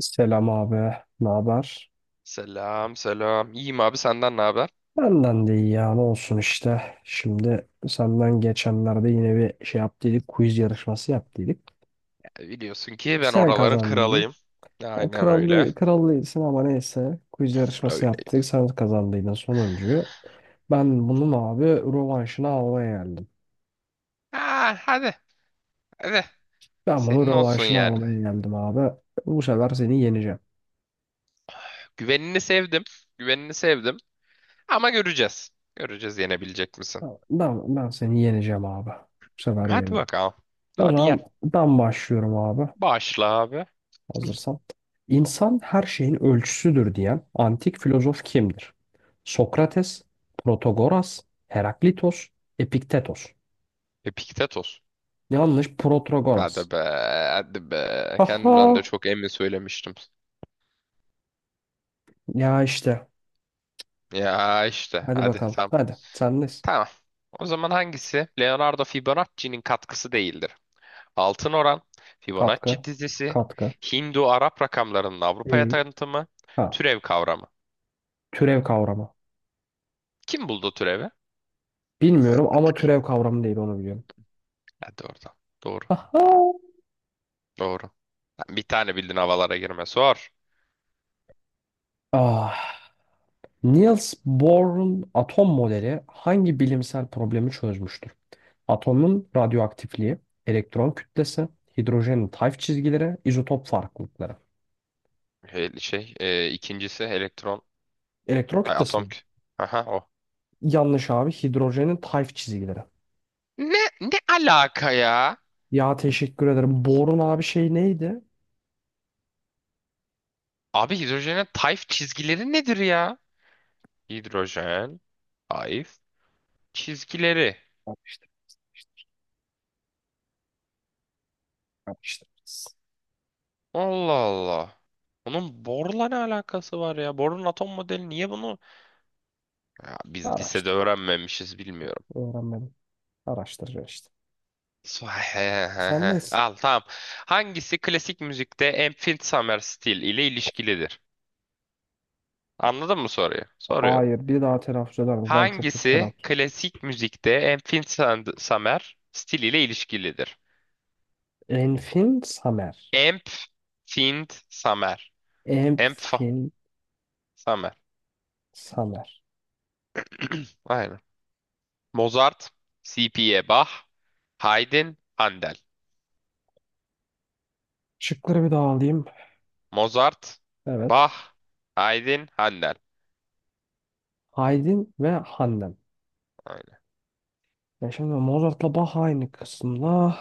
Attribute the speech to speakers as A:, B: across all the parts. A: Selam abi, ne haber?
B: Selam selam. İyiyim abi senden ne haber?
A: Benden de iyi ya, ne olsun işte. Şimdi senden geçenlerde yine bir şey yaptıydık, quiz yarışması yaptıydık.
B: E, biliyorsun ki ben
A: Sen
B: oraların
A: kazandıydın.
B: kralıyım.
A: Ya
B: Aynen öyle.
A: krallıydın ama neyse. Quiz yarışması
B: Öyle.
A: yaptık, sen kazandıydın sonuncuyu. Ben bunun abi rövanşını almaya geldim.
B: Ha, hadi hadi.
A: Ben bunun
B: Senin olsun
A: rövanşını
B: yani.
A: almaya geldim abi. Bu sefer seni yeneceğim.
B: Güvenini sevdim. Güvenini sevdim. Ama göreceğiz. Göreceğiz yenebilecek misin?
A: Ben seni yeneceğim abi. Bu sefer
B: Hadi
A: yeneceğim.
B: bakalım.
A: O
B: Hadi yen.
A: zaman ben başlıyorum abi.
B: Başla abi.
A: Hazırsan. İnsan her şeyin ölçüsüdür diyen antik filozof kimdir? Sokrates, Protagoras, Heraklitos, Epiktetos.
B: Epiktetos.
A: Yanlış Protagoras.
B: Hadi be, hadi be. Kendimden de
A: Aha!
B: çok emin söylemiştim.
A: Ya işte.
B: Ya işte,
A: Hadi
B: hadi
A: bakalım.
B: tamam.
A: Hadi. Sendeyiz.
B: Tamam. O zaman hangisi? Leonardo Fibonacci'nin katkısı değildir. Altın Oran, Fibonacci
A: Katkı.
B: dizisi,
A: Katkı.
B: Hindu-Arap rakamlarının Avrupa'ya
A: Değil.
B: tanıtımı,
A: Ha.
B: türev kavramı.
A: Türev kavramı.
B: Kim buldu türevi?
A: Bilmiyorum ama türev kavramı değil onu biliyorum.
B: Hadi oradan. Doğru.
A: Aha!
B: Doğru. Bir tane bildin havalara girme. Sor.
A: Ah. Niels Bohr'un atom modeli hangi bilimsel problemi çözmüştür? Atomun radyoaktifliği, elektron kütlesi, hidrojenin tayf çizgileri, izotop farklılıkları.
B: Şey, ikincisi elektron,
A: Elektron
B: ay,
A: kütlesi
B: atom.
A: mi?
B: Aha o.
A: Yanlış abi. Hidrojenin tayf çizgileri.
B: Ne alaka ya?
A: Ya teşekkür ederim. Borun abi şey neydi?
B: Abi hidrojenin tayf çizgileri nedir ya? Hidrojen, tayf, çizgileri.
A: Araştırırız.
B: Allah Allah. Onun borla ne alakası var ya? Borun atom modeli niye bunu? Ya biz lisede
A: Araştır.
B: öğrenmemişiz bilmiyorum.
A: Öğrenmedim. Araştıracağız işte. Sen nesin?
B: Al tamam. Hangisi klasik müzikte Infinite Summer Style ile ilişkilidir? Anladın mı soruyu? Soruyorum.
A: Hayır. Bir daha telaffuz eder misin? Ben çok kötü
B: Hangisi
A: telaffuz.
B: klasik müzikte Infinite Summer Style ile ilişkilidir?
A: Enfin Samer.
B: Infinite Summer. Inf
A: Enfin
B: Summer.
A: Samer.
B: Aynen. Mozart, C.P.A. Bach, Haydn, Handel.
A: Şıkları bir daha alayım.
B: Mozart,
A: Evet.
B: Bach, Haydn, Handel.
A: Haydin ve Handan. Ya şimdi Mozart'la Bach aynı kısımda.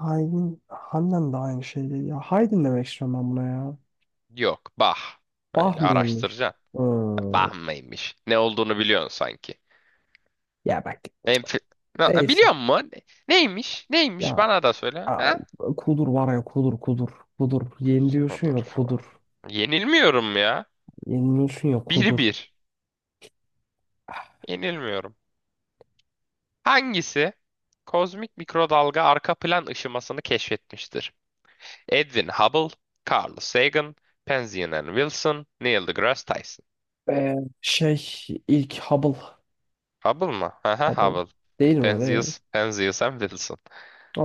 A: Haydn, Hannen de aynı şeydi. Ya Haydn demek istiyorum ben buna ya.
B: Yok, bah.
A: Bach
B: Öyle
A: mıymış?
B: araştıracaksın.
A: Hmm.
B: Bah mıymış? Ne olduğunu biliyorsun sanki.
A: Ya bak,
B: Enf Na-
A: neyse.
B: biliyor musun? Neymiş? Neymiş?
A: Ya
B: Bana da söyle.
A: a-
B: Ha?
A: kudur var ya, kudur kudur. Kudur. Yeni
B: Kuzu
A: diyorsun
B: Kudur
A: ya
B: falan.
A: kudur.
B: Yenilmiyorum ya.
A: Yeniliyorsun ya
B: Bir
A: kudur.
B: bir Yenilmiyorum. Hangisi? Kozmik mikrodalga arka plan ışımasını keşfetmiştir. Edwin Hubble, Carl Sagan, Penzias and Wilson, Neil deGrasse Tyson.
A: Ee, şey ilk Hubble.
B: Hubble mı? Aha
A: Hubble.
B: Hubble.
A: Değil mi öyle?
B: Penzias, Penzias and Wilson.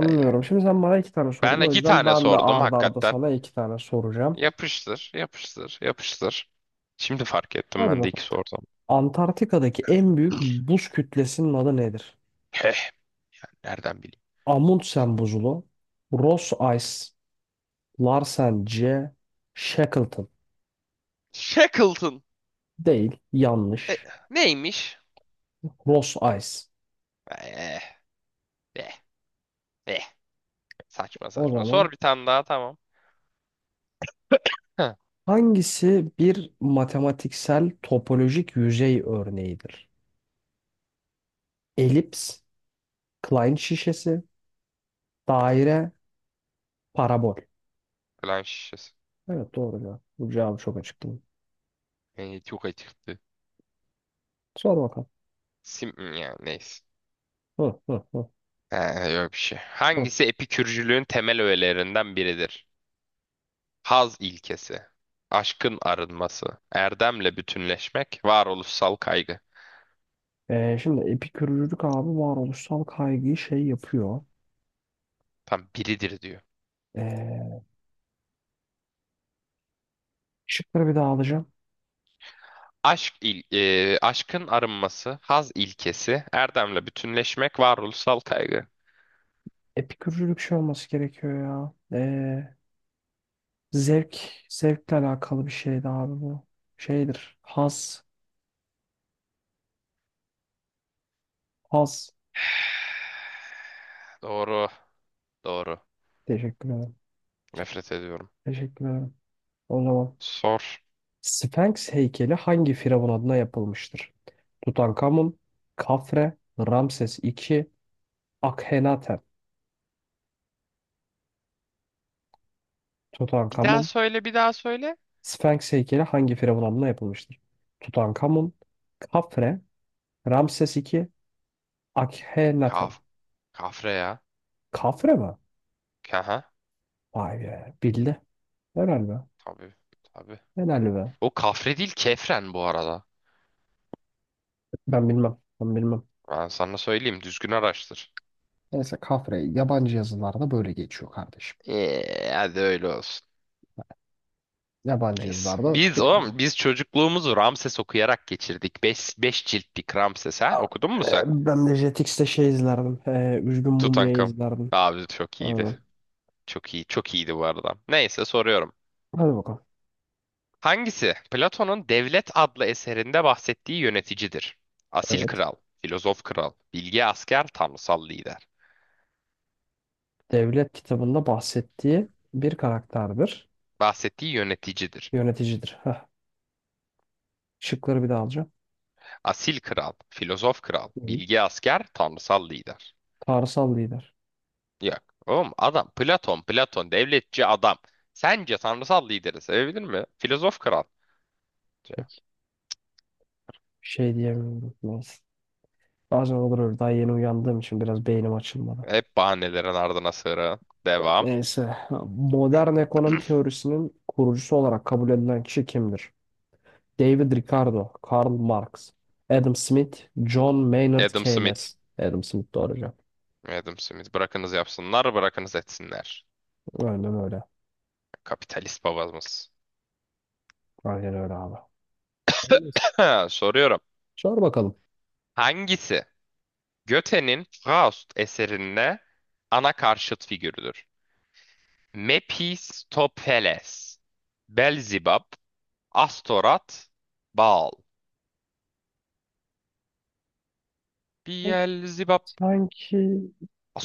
B: Öyle.
A: Şimdi sen bana iki tane
B: Ben
A: sorun. O
B: iki
A: yüzden
B: tane
A: ben de
B: sordum
A: ard arda
B: hakikaten.
A: sana iki tane soracağım.
B: Yapıştır, yapıştır, yapıştır. Şimdi fark ettim
A: Hadi
B: ben de iki
A: bakalım.
B: sordum.
A: Antarktika'daki en büyük buz kütlesinin adı nedir?
B: Heh, ben nereden bileyim?
A: Amundsen buzulu, Ross Ice, Larsen C, Shackleton.
B: Shackleton.
A: Değil,
B: E,
A: yanlış.
B: neymiş?
A: Ross Ice.
B: Eh, eh, eh. Saçma
A: O
B: saçma.
A: zaman
B: Sor bir tane daha tamam. Heh,
A: hangisi bir matematiksel topolojik yüzey örneğidir? Elips, Klein şişesi, daire, parabol.
B: plan şişesi.
A: Evet doğru ya. Bu cevabı çok açık değil mi?
B: Yani çok açıktı.
A: Sor bakalım.
B: Ya neyse.
A: Hı, hı, hı,
B: He, yok bir şey.
A: hı.
B: Hangisi epikürcülüğün temel öğelerinden biridir? Haz ilkesi. Aşkın arınması. Erdemle bütünleşmek. Varoluşsal kaygı.
A: Şimdi epikürcülük abi varoluşsal kaygıyı şey yapıyor.
B: Tam biridir diyor.
A: Ee, Şıkları bir daha alacağım.
B: Aşkın arınması, haz ilkesi, erdemle bütünleşmek, varoluşsal kaygı.
A: Epikürcülük şey olması gerekiyor ya. Ee, Zevk, zevkle alakalı bir şeydi abi bu. Şeydir. Haz, haz.
B: Doğru, doğru.
A: Teşekkür ederim.
B: Nefret ediyorum.
A: Teşekkür ederim. O zaman
B: Sor.
A: Sphinx heykeli hangi firavun adına yapılmıştır? Tutankamun, Kafre, Ramses II, Akhenaten.
B: Bir daha
A: Tutankamun,
B: söyle, bir daha söyle.
A: Sphinx heykeli hangi firavun adına yapılmıştır? Tutankamun, Kafre, Ramses II, Akhenaten.
B: Kaf, kafre ya.
A: Kafre mi?
B: Kaha,
A: Vay be. Bildi. Helal be.
B: tabii, tabii.
A: Helal be.
B: O kafre değil, kefren bu arada.
A: Ben bilmem. Ben bilmem.
B: Ben sana söyleyeyim, düzgün araştır.
A: Neyse kafre yabancı yazılarda böyle geçiyor kardeşim.
B: Hadi öyle olsun.
A: Yabancı
B: Neyse.
A: yazılarda
B: Biz
A: tür...
B: oğlum, biz çocukluğumuzu Ramses okuyarak geçirdik. Beş ciltlik Ramses ha.
A: Al,
B: Okudun mu sen?
A: ben de Jetix'te şey izlerdim. Üzgün Mumya
B: Tutankam.
A: izlerdim.
B: Abi çok iyiydi.
A: Aynen.
B: Çok iyi, çok iyiydi bu arada. Neyse soruyorum.
A: Hadi bakalım.
B: Hangisi Platon'un Devlet adlı eserinde bahsettiği yöneticidir? Asil
A: Evet.
B: kral, filozof kral, bilge asker, tanrısal lider.
A: Devlet kitabında bahsettiği bir karakterdir.
B: Bahsettiği yöneticidir.
A: Yöneticidir. Heh. Şıkları bir daha alacağım.
B: Asil kral, filozof kral,
A: Değil.
B: bilge asker, tanrısal lider.
A: Tanrısal lider.
B: Yok. Oğlum adam Platon, Platon devletçi adam. Sence tanrısal lideri sevebilir mi? Filozof kral.
A: Peki. Şey diyemiyorum. Neyse. Bazen olur öyle. Daha yeni uyandığım için biraz beynim açılmadı.
B: Hep bahanelerin ardına sığıra. Devam.
A: Neyse. Modern ekonomi teorisinin kurucusu olarak kabul edilen kişi kimdir? David Ricardo, Karl Marx, Adam Smith, John Maynard
B: Adam Smith.
A: Keynes. Adam Smith doğru cevap.
B: Adam Smith bırakınız yapsınlar, bırakınız etsinler.
A: Aynen öyle.
B: Kapitalist babamız.
A: Aynen öyle abi. Neyse.
B: Soruyorum.
A: Sor bakalım.
B: Hangisi Goethe'nin Faust eserinde ana karşıt figürüdür? Mephistopheles, Belzibab, Astorat, Baal.
A: Sanki,
B: Beelzebub,
A: sanki,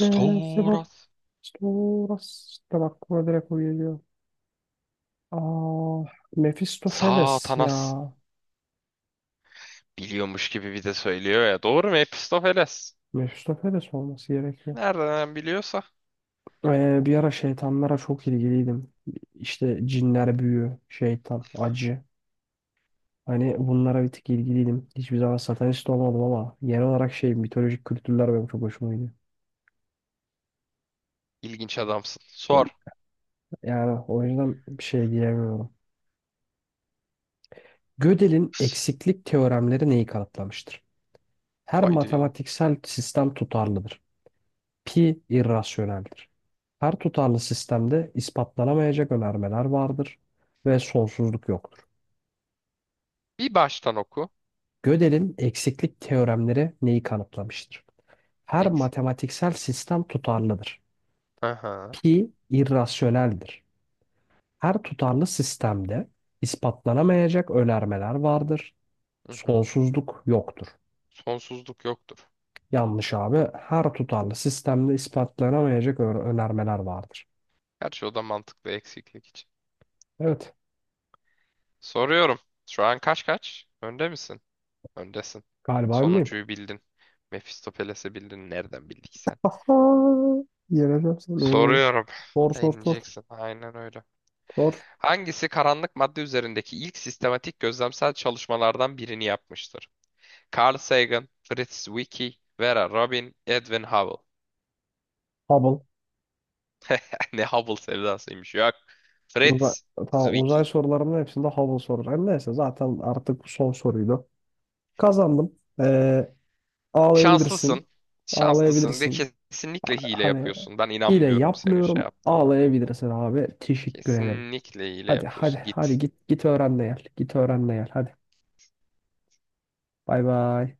A: sebep sonrasında aklıma direkt o geliyor. Aa, Mephistopheles ya.
B: Satanas. Biliyormuş gibi bir de söylüyor ya. Doğru mu Mephistopheles?
A: Mephistopheles olması gerekiyor.
B: Nereden biliyorsa.
A: Bir ara şeytanlara çok ilgiliydim. İşte cinler, büyü, şeytan, acı. Hani bunlara bir tık ilgiliydim. Hiçbir zaman satanist olmadım ama genel olarak şey mitolojik kültürler benim çok hoşuma gidiyor.
B: İlginç adamsın. Sor.
A: Yani o yüzden bir şey diyemiyorum. Gödel'in eksiklik teoremleri neyi kanıtlamıştır? Her
B: Haydi.
A: matematiksel sistem tutarlıdır. Pi irrasyoneldir. Her tutarlı sistemde ispatlanamayacak önermeler vardır ve sonsuzluk yoktur.
B: Bir baştan oku.
A: Gödel'in eksiklik teoremleri neyi kanıtlamıştır? Her
B: Eksik.
A: matematiksel sistem tutarlıdır.
B: Aha.
A: Pi irrasyoneldir. Her tutarlı sistemde ispatlanamayacak önermeler vardır.
B: Hı hı.
A: Sonsuzluk yoktur.
B: Sonsuzluk yoktur.
A: Yanlış abi. Her tutarlı sistemde ispatlanamayacak önermeler vardır.
B: Gerçi o da mantıklı eksiklik için.
A: Evet.
B: Soruyorum. Şu an kaç kaç? Önde misin? Öndesin.
A: Galiba önleyim.
B: Sonuncuyu bildin. Mephistopheles'i bildin. Nereden bildik sen?
A: Aha, yeneceğim seni.
B: Soruyorum.
A: Sor sor sor.
B: İneceksin. Aynen öyle.
A: Sor.
B: Hangisi karanlık madde üzerindeki ilk sistematik gözlemsel çalışmalardan birini yapmıştır? Carl Sagan, Fritz Zwicky, Vera Rubin, Edwin Hubble.
A: Hubble.
B: Ne Hubble sevdasıymış. Yok.
A: Uzay,
B: Fritz
A: tamam, uzay
B: Zwicky.
A: sorularımın hepsinde Hubble soracağım. Neyse zaten artık bu son soruydu. Kazandım.
B: Şanslısın.
A: Ağlayabilirsin.
B: Şanslısın de,
A: Ağlayabilirsin.
B: kesinlikle hile
A: Hani
B: yapıyorsun. Ben
A: hile
B: inanmıyorum senin şey
A: yapmıyorum.
B: yaptığına.
A: Ağlayabilirsin abi. Teşekkür ederim.
B: Kesinlikle hile
A: Hadi hadi
B: yapıyorsun.
A: hadi
B: Git.
A: git git öğren de gel. Git öğren de gel. Hadi. Bay bay.